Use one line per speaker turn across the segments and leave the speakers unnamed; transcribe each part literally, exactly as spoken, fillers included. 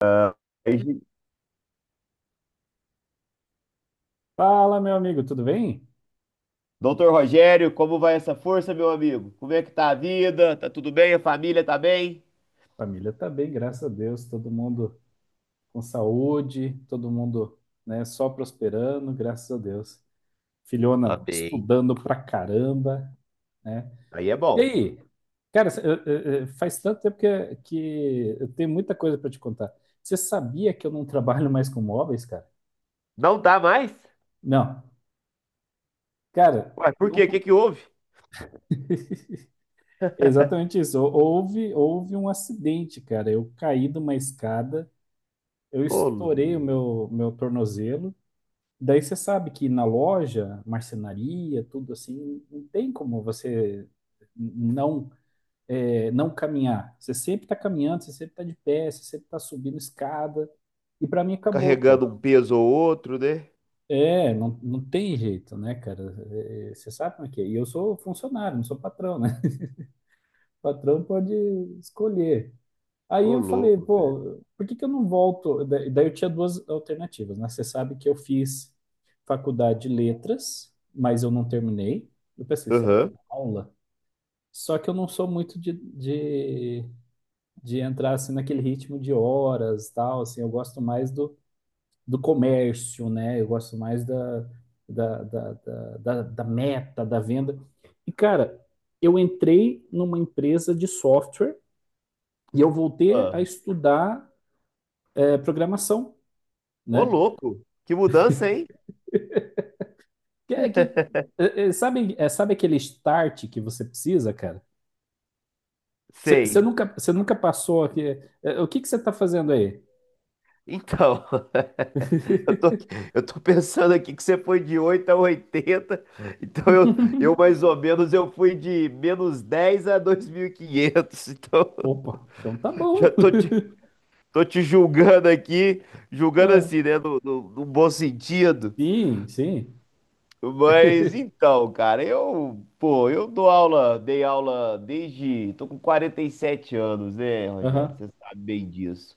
Ah, aí,
Fala, meu amigo, tudo bem?
Doutor Rogério, como vai essa força, meu amigo? Como é que tá a vida? Tá tudo bem? A família tá bem?
Família tá bem, graças a Deus, todo mundo com saúde, todo mundo, né, só prosperando, graças a Deus.
Tá
Filhona
bem.
estudando pra caramba, né?
Aí é
E
bom.
aí, cara, eu- eu- eu- faz tanto tempo que, que eu tenho muita coisa pra te contar. Você sabia que eu não trabalho mais com móveis, cara?
Não tá mais?
Não, cara,
Ué, por
não
quê? O
tô-
que que houve?
exatamente isso. Houve, houve um acidente, cara. Eu caí de uma escada, eu
Ô,
estourei o
lou-
meu, meu tornozelo. Daí você sabe que na loja, marcenaria, tudo assim, não tem como você não é, não caminhar. Você sempre está caminhando, você sempre está de pé, você sempre está subindo escada. E para mim acabou, cara.
carregando um peso ou outro, né?
É, não, não tem jeito, né, cara? É, você sabe como é que é. E eu sou funcionário, não sou patrão, né? O patrão pode escolher. Aí
Ô,
eu falei,
louco, velho.
pô, por que que eu não volto? Da- Daí eu tinha duas alternativas, né? Você sabe que eu fiz faculdade de letras, mas eu não terminei. Eu pensei, será que
Aham.
dá aula? Só que eu não sou muito de, de, de entrar assim naquele ritmo de horas, tal, assim, eu gosto mais do, do comércio, né? Eu gosto mais da, da, da, da, da da meta, da venda. E, cara, eu entrei numa empresa de software e eu voltei a
Ah,
estudar é programação,
ô,
né?
louco. Que mudança, hein?
Que- É que, é- é- sabe, é, sabe aquele start que você precisa, cara? Você
Sei.
nunca, você nunca passou aqui. é, é, O que que você está fazendo aí?
Então, eu tô, eu tô pensando aqui que você foi de oito a oitenta. Então eu, eu mais ou menos eu fui de menos dez a dois mil e quinhentos. Então
Opa, então tá
já
bom.
tô te, tô te julgando aqui, julgando
Ah,
assim, né, no, no, no bom sentido,
sim, sim.
mas então, cara, eu, pô, eu dou aula, dei aula desde, tô com quarenta e sete anos, né, Rogério,
Aham,
você sabe bem disso.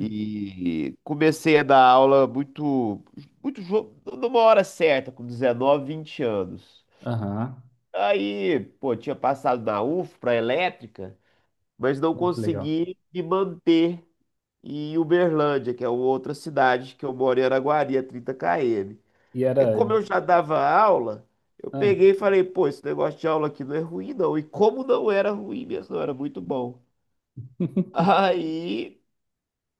E comecei a dar aula muito, muito jo- numa hora certa, com dezenove vinte anos.
aham.
Aí, pô, tinha passado na U F para elétrica, mas não
Bom, que legal.
consegui me manter em Uberlândia, que é uma outra cidade que eu moro em Araguari, a trinta quilômetros.
E
Aí,
era.
como eu já dava aula, eu
Ah,
peguei e falei, pô, esse negócio de aula aqui não é ruim, não. E como não era ruim mesmo, não era muito bom. Aí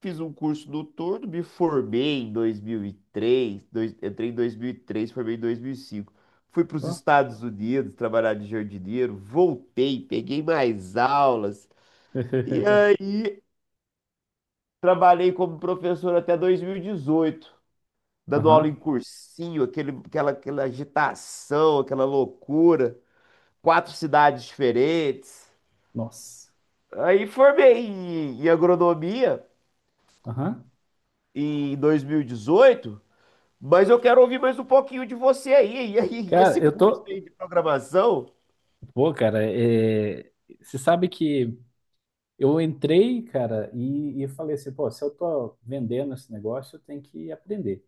fiz um curso do Tordo, me formei em dois mil e três, dois, entrei em dois mil e três, formei em dois mil e cinco. Fui para os
ó.
Estados Unidos trabalhar de jardineiro, voltei, peguei mais aulas e aí trabalhei como professor até dois mil e dezoito, dando aula
Aham,
em cursinho, aquele, aquela, aquela agitação, aquela loucura, quatro cidades diferentes.
nossa.
Aí formei em, em agronomia
Aham.
em dois mil e dezoito. Mas eu quero ouvir mais um pouquinho de você aí, e aí, e
Cara,
esse
eu
curso
tô.
aí de programação?
Pô, cara, é... você sabe que eu entrei, cara, e, e falei assim, pô, se eu tô vendendo esse negócio, eu tenho que aprender.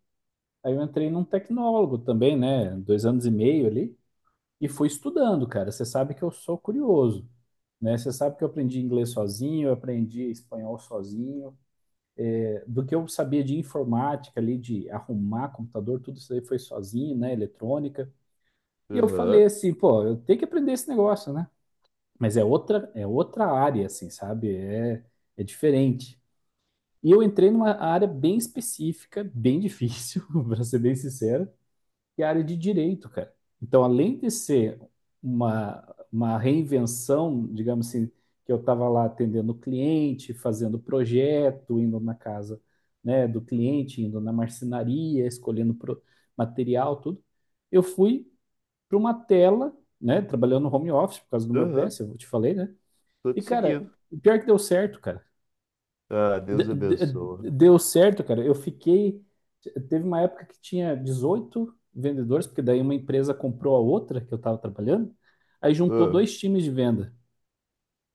Aí eu entrei num tecnólogo também, né? Dois anos e meio ali, e fui estudando, cara. Você sabe que eu sou curioso, né? Você sabe que eu aprendi inglês sozinho, eu aprendi espanhol sozinho. É, do que eu sabia de informática ali, de arrumar computador, tudo isso aí foi sozinho, né? Eletrônica. E eu falei
Aham,
assim, pô, eu tenho que aprender esse negócio, né? Mas é outra, é outra área, assim, sabe? É, é diferente. E eu entrei numa área bem específica, bem difícil, para ser bem sincero, que é a área de direito, cara. Então, além de ser uma, uma reinvenção, digamos assim, que eu estava lá atendendo o cliente, fazendo projeto, indo na casa, né, do cliente, indo na marcenaria, escolhendo pro- material, tudo, eu fui para uma tela, né, trabalhando no home office por causa do meu
aham,
P S, eu te falei, né?
tô
E,
te
cara,
seguindo.
pior que deu certo, cara
Ah,
de-
Deus abençoa.
de- deu certo, cara. Eu fiquei. Teve uma época que tinha dezoito vendedores, porque daí uma empresa comprou a outra que eu estava trabalhando, aí juntou
Ah,
dois times de venda,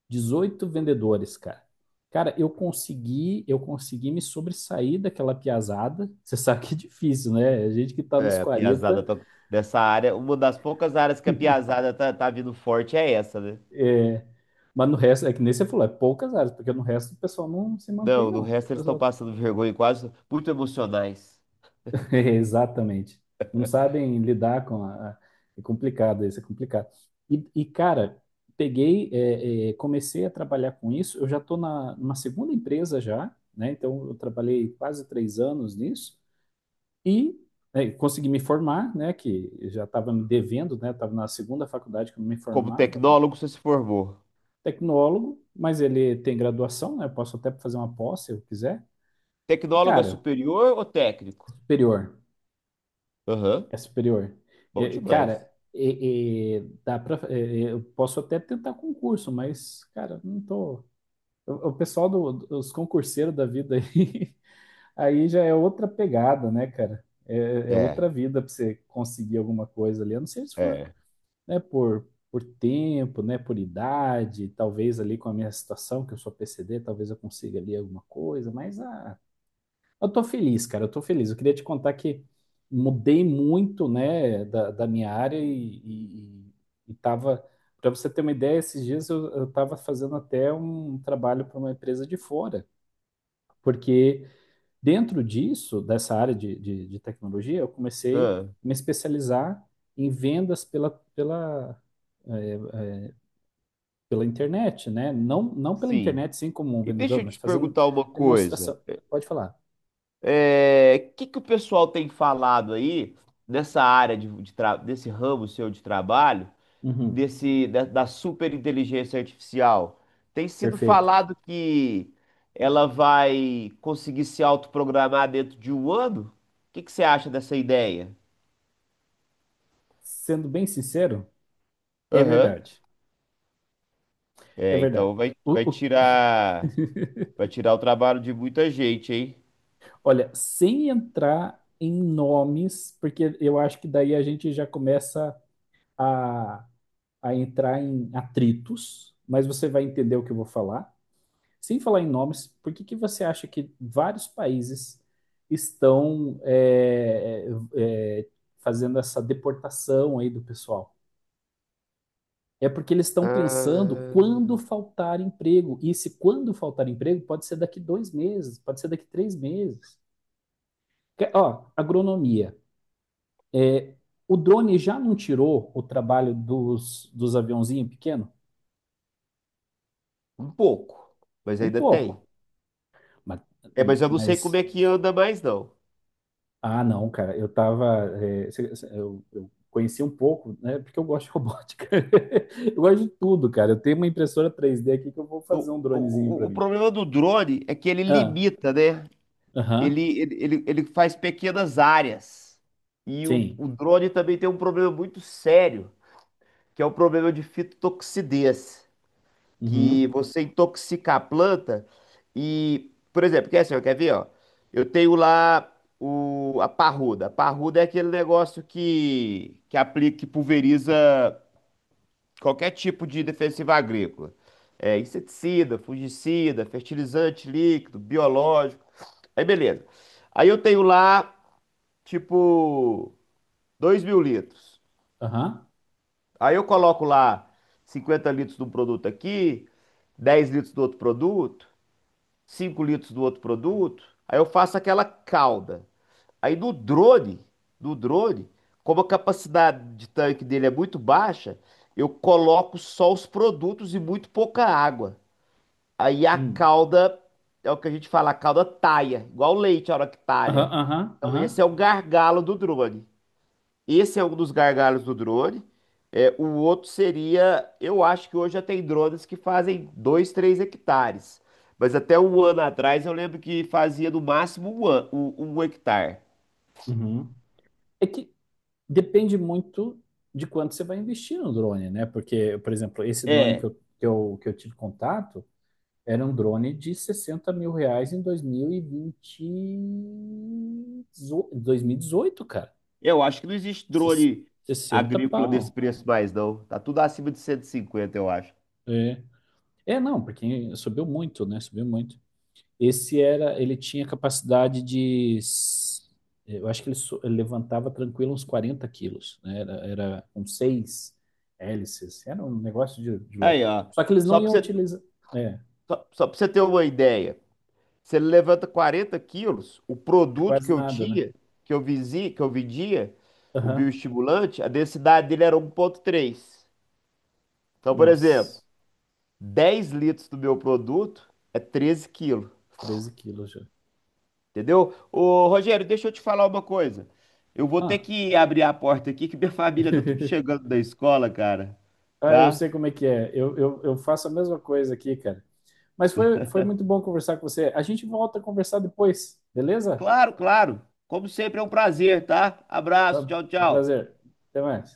dezoito vendedores, cara. Cara, eu consegui, eu consegui me sobressair daquela piazada. Você sabe que é difícil, né? A gente que tá nos
é, a piazada
quarenta,
tá, dessa área, uma das poucas áreas que a piazada tá, tá vindo forte é essa, né?
é, mas no resto, é que nem você falou, é poucas áreas, porque no resto o pessoal não se mantém,
Não, no
não. O
resto eles estão
pessoal
passando vergonha e quase muito emocionais.
exatamente. Não sabem lidar com a... a- é complicado isso, é complicado. E, e, cara, peguei, é, é, comecei a trabalhar com isso. Eu já estou na, numa segunda empresa já, né? Então, eu trabalhei quase três anos nisso e é, consegui me formar, né? Que eu já estava me devendo, né? Estava na segunda faculdade que eu me
Como
formava, né?
tecnólogo você se formou.
Tecnólogo, mas ele tem graduação, né? Eu posso até fazer uma pós se eu quiser.
Tecnólogo é
Cara,
superior ou técnico?
superior.
Aham,
É superior.
bom
E,
demais.
cara, e- e dá pra, e- eu posso até tentar concurso, mas, cara, não tô. O, o pessoal do- dos concurseiros da vida aí, aí já é outra pegada, né, cara? É, é
É,
outra vida pra você conseguir alguma coisa ali. A não ser se for,
é.
né, por, por tempo, né, por idade, talvez ali com a minha situação, que eu sou P C D, talvez eu consiga ali alguma coisa, mas ah, eu tô feliz, cara, eu tô feliz. Eu queria te contar que mudei muito, né, da, da minha área e, e, e tava, para você ter uma ideia, esses dias eu, eu tava fazendo até um trabalho para uma empresa de fora, porque dentro disso, dessa área de, de, de tecnologia, eu comecei
Ah,
a me especializar em vendas pela, pela, eh, pela internet, né? Não, não pela
sim.
internet, sim, como um
E deixa
vendedor,
eu
mas
te
fazendo
perguntar uma coisa.
demonstração. Pode falar.
O que que o pessoal tem falado aí nessa área de, de tra- desse ramo seu de trabalho,
Uhum,
desse da, da superinteligência artificial? Tem sido
perfeito.
falado que ela vai conseguir se autoprogramar dentro de um ano? O que que você acha dessa ideia?
Sendo bem sincero, é
Aham.
verdade. É
É,
verdade.
então vai, vai
O- o-
tirar vai tirar o trabalho de muita gente, hein?
olha, sem entrar em nomes, porque eu acho que daí a gente já começa a, a entrar em atritos, mas você vai entender o que eu vou falar. Sem falar em nomes, por que que você acha que vários países estão é, é, fazendo essa deportação aí do pessoal? É porque eles estão pensando
Ah,
quando faltar emprego. E se quando faltar emprego, pode ser daqui dois meses, pode ser daqui três meses. Ó, agronomia. É, o drone já não tirou o trabalho dos, dos aviãozinhos pequenos?
um pouco, mas
Um
ainda tem.
pouco. Mas,
É, mas eu não sei como
mas-
é que anda mais não.
ah, não, cara, eu tava. É, eu, eu conheci um pouco, né? Porque eu gosto de robótica. Eu gosto de tudo, cara. Eu tenho uma impressora três D aqui que eu vou fazer
O,
um dronezinho para
o, o
mim.
problema do drone é que ele
Ah,
limita, né?
aham,
Ele, ele, ele, ele faz pequenas áreas. E o,
sim.
o drone também tem um problema muito sério, que é o problema de fitotoxidez, que
Uhum.
você intoxica a planta e, por exemplo, quer, assim, ó, quer ver, ó? Eu tenho lá o, a parruda. A parruda é aquele negócio que, que aplica, que pulveriza qualquer tipo de defensiva agrícola. É, inseticida, fungicida, fertilizante líquido, biológico. Aí beleza. Aí eu tenho lá, tipo, dois mil litros.
Aham.
Aí eu coloco lá cinquenta litros de um produto aqui, dez litros do outro produto, cinco litros do outro produto. Aí eu faço aquela calda. Aí no drone, no drone, como a capacidade de tanque dele é muito baixa, eu coloco só os produtos e muito pouca água. Aí a
Hum.
calda, é o que a gente fala, a calda talha, igual leite a hora que
Aham,
talha.
aham,
Então esse
aham.
é o gargalo do drone. Esse é um dos gargalos do drone. É, o outro seria, eu acho que hoje já tem drones que fazem dois três hectares. Mas até um ano atrás eu lembro que fazia no máximo um, an- um, um hectare.
Uhum. É que depende muito de quanto você vai investir no drone, né? Porque, por exemplo, esse drone que
É,
eu, que eu, que eu tive contato era um drone de sessenta mil reais em dois mil e vinte e dezo- dois mil e dezoito, cara.
eu acho que não existe
Ses-
drone
sessenta
agrícola desse
pau.
preço mais não. Tá tudo acima de cento e cinquenta eu acho.
É. É, não, porque subiu muito, né? Subiu muito. Esse era, ele tinha capacidade de, s- eu acho que ele, so- ele levantava tranquilo uns quarenta quilos, né? Era, era com seis hélices, era um negócio de, de
Aí,
louco.
ó,
Só que eles
só
não
pra
iam
você,
utilizar, é,
só, só pra você ter uma ideia. Se ele levanta quarenta quilos, o
é
produto que
quase
eu
nada, né?
tinha, que eu visi, que eu vendia, o
Aham,
bioestimulante, a densidade dele era um ponto três. Então, por exemplo,
nossa,
dez litros do meu produto é treze quilos.
treze quilos já.
Entendeu? Ô, Rogério, deixa eu te falar uma coisa. Eu vou ter
Ah,
que abrir a porta aqui, que minha família tá tudo chegando da escola, cara.
ah, eu
Tá?
sei como é que é, eu, eu, eu faço a mesma coisa aqui, cara. Mas foi, foi muito bom conversar com você. A gente volta a conversar depois, beleza?
Claro, claro. Como sempre, é um prazer, tá?
Foi
Abraço, tchau,
um
tchau.
prazer. Até mais.